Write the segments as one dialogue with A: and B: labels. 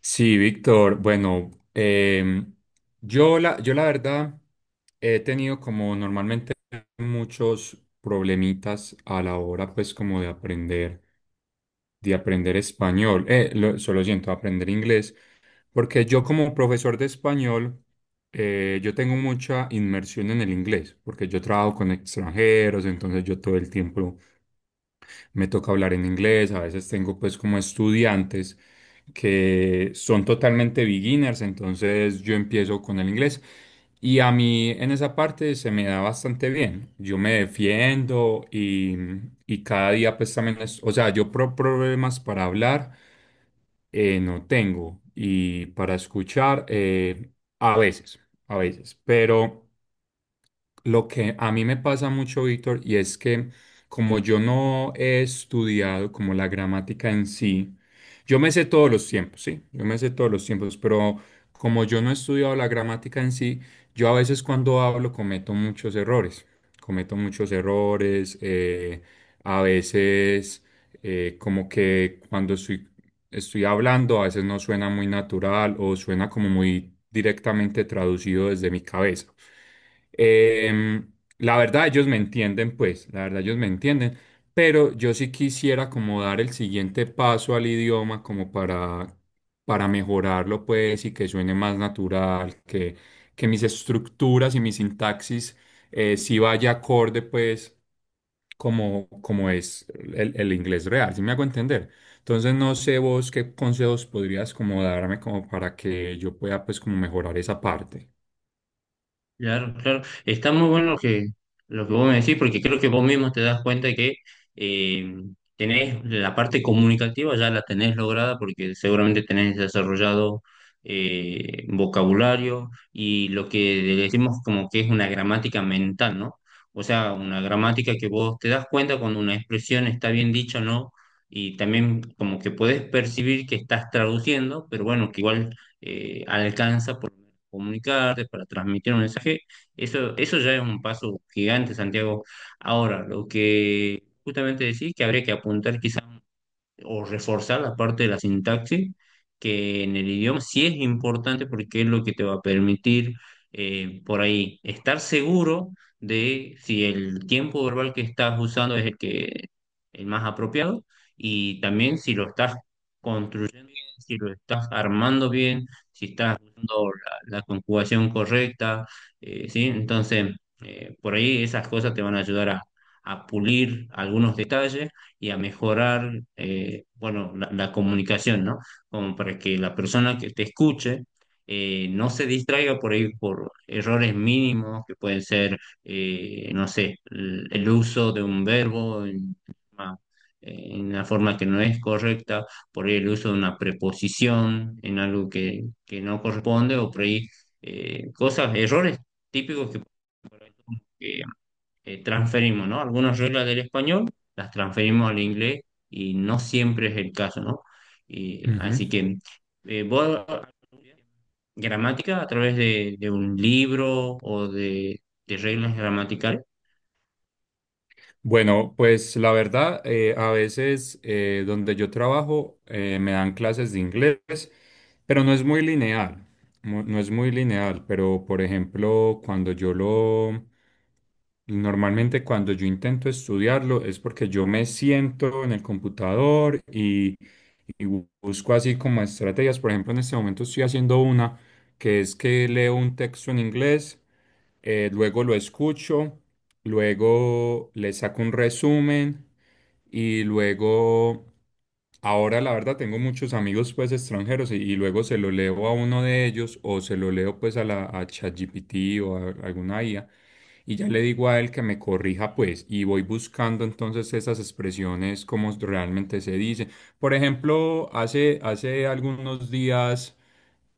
A: Sí, Víctor, bueno, yo la verdad he tenido como normalmente muchos problemitas a la hora pues como de aprender español, solo siento, aprender inglés, porque yo como profesor de español, yo tengo mucha inmersión en el inglés, porque yo trabajo con extranjeros, entonces yo todo el tiempo me toca hablar en inglés. A veces tengo pues como estudiantes que son totalmente beginners, entonces yo empiezo con el inglés y a mí en esa parte se me da bastante bien. Yo me defiendo y cada día pues también es, o sea, yo problemas para hablar no tengo, y para escuchar a veces, a veces, pero... Lo que a mí me pasa mucho, Víctor, y es que como yo no he estudiado como la gramática en sí, yo me sé todos los tiempos, sí, yo me sé todos los tiempos, pero como yo no he estudiado la gramática en sí, yo a veces cuando hablo cometo muchos errores, cometo muchos errores. A veces, como que cuando estoy, estoy hablando, a veces no suena muy natural o suena como muy directamente traducido desde mi cabeza. Em, la verdad, ellos me entienden, pues, la verdad, ellos me entienden, pero yo sí quisiera como dar el siguiente paso al idioma como para mejorarlo, pues, y que suene más natural, que mis estructuras y mi sintaxis sí vaya acorde, pues, como, como es el inglés real. ¿Sí me hago entender? Entonces no sé vos qué consejos podrías como darme como para que yo pueda pues como mejorar esa parte.
B: Claro, claro. Está muy bueno lo que vos me decís, porque creo que vos mismo te das cuenta que eh, tenés la parte comunicativa, ya la tenés lograda, porque seguramente tenés desarrollado vocabulario y lo que le decimos como que es una gramática mental, ¿no? O sea, una gramática que vos te das cuenta cuando una expresión está bien dicha o no, y también como que podés percibir que estás traduciendo, pero bueno, que igual alcanza. Comunicarte, para transmitir un mensaje, eso ya es un paso gigante, Santiago. Ahora, lo que justamente decís que habría que apuntar quizás o reforzar la parte de la sintaxis, que en el idioma sí es importante porque es lo que te va a permitir, por ahí estar seguro de si el tiempo verbal que estás usando es el más apropiado, y también si lo estás construyendo bien, si lo estás armando bien, si estás usando la conjugación correcta, ¿sí? Entonces, por ahí esas cosas te van a ayudar a pulir algunos detalles y a mejorar, bueno, la comunicación, ¿no? Como para que la persona que te escuche no se distraiga por ahí por errores mínimos que pueden ser, no sé, el uso de un verbo en una, en una forma que no es correcta, por ahí el uso de una preposición en algo que no corresponde, o por ahí cosas, errores típicos que transferimos, ¿no? Algunas reglas del español las transferimos al inglés y no siempre es el caso, ¿no? Y,
A: Ujú.
B: así que vos gramática a través de un libro o de reglas gramaticales.
A: Bueno, pues la verdad, a veces donde yo trabajo me dan clases de inglés, pero no es muy lineal, no es muy lineal, pero por ejemplo, normalmente cuando yo intento estudiarlo es porque yo me siento en el computador y busco así como estrategias. Por ejemplo, en este momento estoy haciendo una que es que leo un texto en inglés, luego lo escucho, luego le saco un resumen y luego, ahora la verdad tengo muchos amigos pues extranjeros y luego se lo leo a uno de ellos o se lo leo pues a la a ChatGPT o a alguna IA, y ya le digo a él que me corrija, pues, y voy buscando entonces esas expresiones como realmente se dicen. Por ejemplo, hace, hace algunos días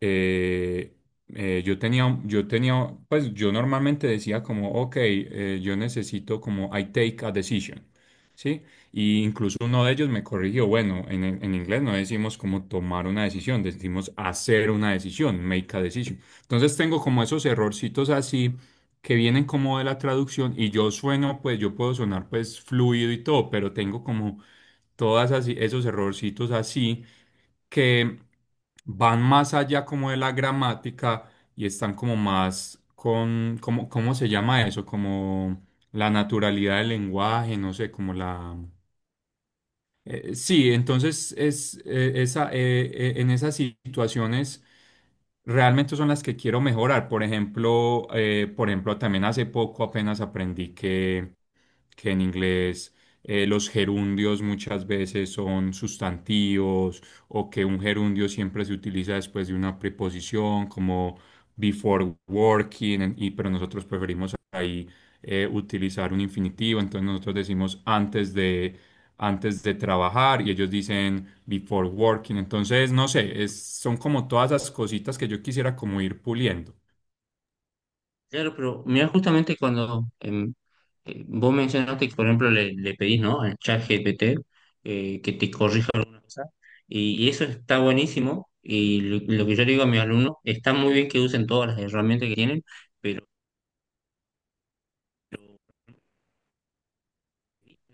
A: eh, yo tenía, pues yo normalmente decía como, ok, yo necesito como I take a decision, ¿sí? Y incluso uno de ellos me corrigió, bueno, en inglés no decimos como tomar una decisión, decimos hacer una decisión, make a decision. Entonces tengo como esos errorcitos así que vienen como de la traducción y yo sueno, pues yo puedo sonar pues fluido y todo, pero tengo como todas así, esos errorcitos así que van más allá como de la gramática y están como más con, como, ¿cómo se llama eso? Como la naturalidad del lenguaje, no sé, como la... sí, en esas situaciones realmente son las que quiero mejorar. Por ejemplo, también hace poco apenas aprendí que en inglés los gerundios muchas veces son sustantivos o que un gerundio siempre se utiliza después de una preposición como before working, pero nosotros preferimos ahí utilizar un infinitivo, entonces nosotros decimos antes de trabajar y ellos dicen before working. Entonces no sé, son como todas esas cositas que yo quisiera como ir puliendo.
B: Claro, pero mira, justamente cuando vos mencionaste que, por ejemplo, le pedís, ¿no? al chat GPT que te corrija alguna cosa, y eso está buenísimo. Y lo que yo le digo a mis alumnos, está muy bien que usen todas las herramientas que tienen,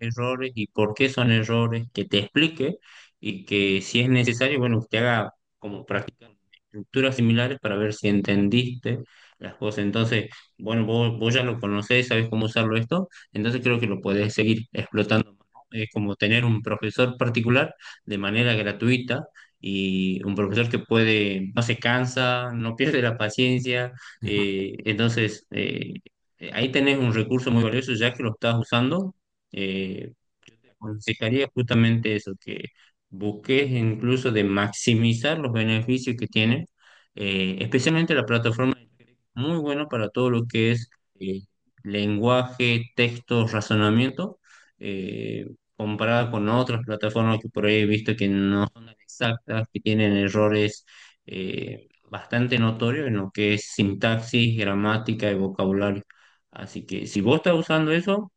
B: errores y por qué son errores, que te explique, y que si es necesario, bueno, usted haga como practicar estructuras similares para ver si entendiste las cosas. Entonces, bueno, vos ya lo conocés, sabés cómo usarlo esto, entonces creo que lo podés seguir explotando más, ¿no? Es como tener un profesor particular de manera gratuita, y un profesor que puede, no se cansa, no pierde la paciencia, eh, entonces... eh, Ahí tenés un recurso muy valioso ya que lo estás usando. eh, yo te aconsejaría justamente eso, que busques incluso de maximizar los beneficios que tiene, especialmente la plataforma de Telegram, muy bueno para todo lo que es eh, lenguaje, texto, razonamiento, eh, comparada con otras plataformas que por ahí he visto que no son tan exactas, que tienen errores bastante notorios en lo que es sintaxis, gramática y vocabulario. Así que si vos estás usando eso,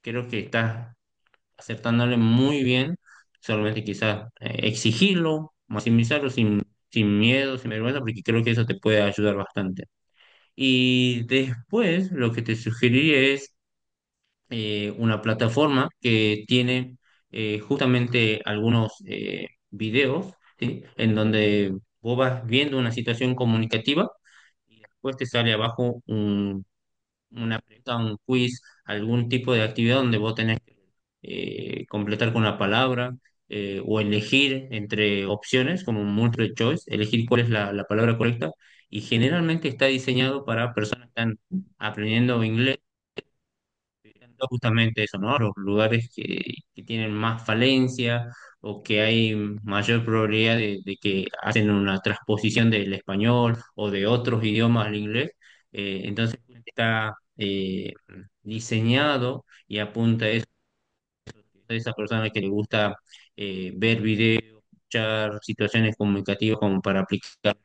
B: creo que estás acertándole muy bien, solamente quizás exigirlo, maximizarlo sin, sin miedo, sin vergüenza, porque creo que eso te puede ayudar bastante. Y después lo que te sugeriría es una plataforma que tiene justamente algunos videos, ¿sí? En donde vos vas viendo una situación comunicativa y después te sale abajo una pregunta, un quiz, algún tipo de actividad donde vos tenés que completar con una palabra o elegir entre opciones, como un multiple choice, elegir cuál es la palabra correcta. Y generalmente está diseñado para personas que están aprendiendo inglés viendo justamente eso, ¿no? Los lugares que tienen más falencia o que hay mayor probabilidad de que hacen una transposición del español o de otros idiomas al inglés. Entonces está diseñado y apunta a eso, a esa persona que le gusta ver videos, escuchar situaciones comunicativas como para aplicar.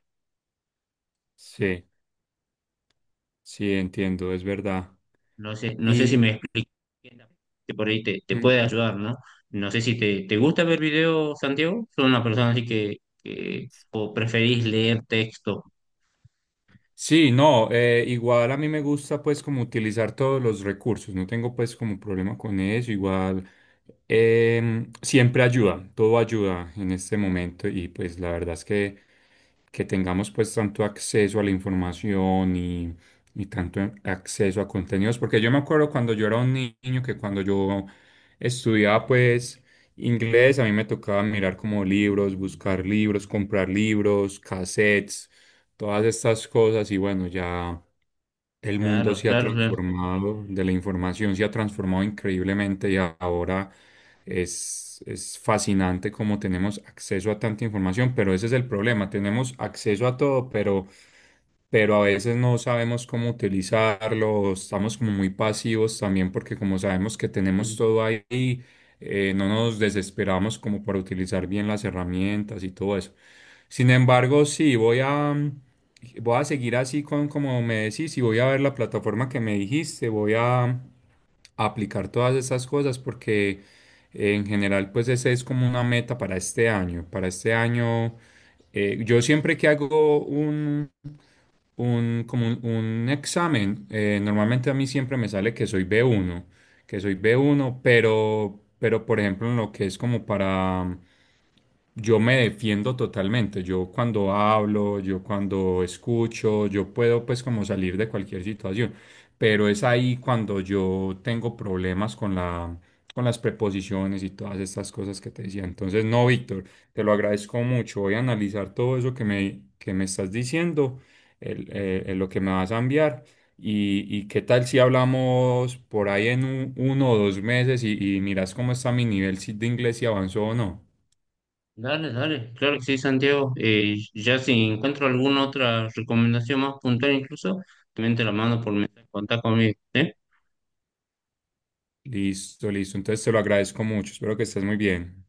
A: Sí, sí, entiendo, es verdad.
B: No sé, no sé si
A: Y,
B: me explico, que por ahí te puede
A: mm,
B: ayudar, ¿no? No sé si te gusta ver videos, Santiago. ¿Son una persona así que- o preferís leer texto?
A: Sí, no, igual a mí me gusta pues como utilizar todos los recursos, no tengo pues como problema con eso. Igual siempre ayuda, todo ayuda en este momento, y pues la verdad es que tengamos pues tanto acceso a la información y tanto acceso a contenidos, porque yo me acuerdo cuando yo era un niño que cuando yo estudiaba pues inglés, a mí me tocaba mirar como libros, buscar libros, comprar libros, cassettes, todas estas cosas. Y bueno, ya el mundo
B: Claro,
A: se ha
B: claro, claro.
A: transformado, de la información se ha transformado increíblemente, y ahora es fascinante cómo tenemos acceso a tanta información, pero ese es el problema, tenemos acceso a todo, pero a veces no sabemos cómo utilizarlo. Estamos como muy pasivos también porque como sabemos que tenemos todo ahí, no nos desesperamos como para utilizar bien las herramientas y todo eso. Sin embargo, sí, voy a, voy a seguir así con como me decís, y voy a ver la plataforma que me dijiste. Voy a aplicar todas esas cosas porque en general pues esa es como una meta para este año. Para este año, yo siempre que hago un, como un examen, normalmente a mí siempre me sale que soy B1, que soy B1. Pero por ejemplo en lo que es como para... Yo me defiendo totalmente, yo cuando hablo, yo cuando escucho, yo puedo pues como salir de cualquier situación, pero es ahí cuando yo tengo problemas con la, con las preposiciones y todas estas cosas que te decía. Entonces, no, Víctor, te lo agradezco mucho, voy a analizar todo eso que me estás diciendo lo que me vas a enviar. Y qué tal si hablamos por ahí en uno o dos meses, y miras cómo está mi nivel de inglés, si avanzó o no.
B: Dale, dale, claro que sí, Santiago. Ya si encuentro alguna otra recomendación más puntual incluso, también te la mando por mensaje, contá conmigo, ¿sí?
A: Listo, listo. Entonces te lo agradezco mucho. Espero que estés muy bien.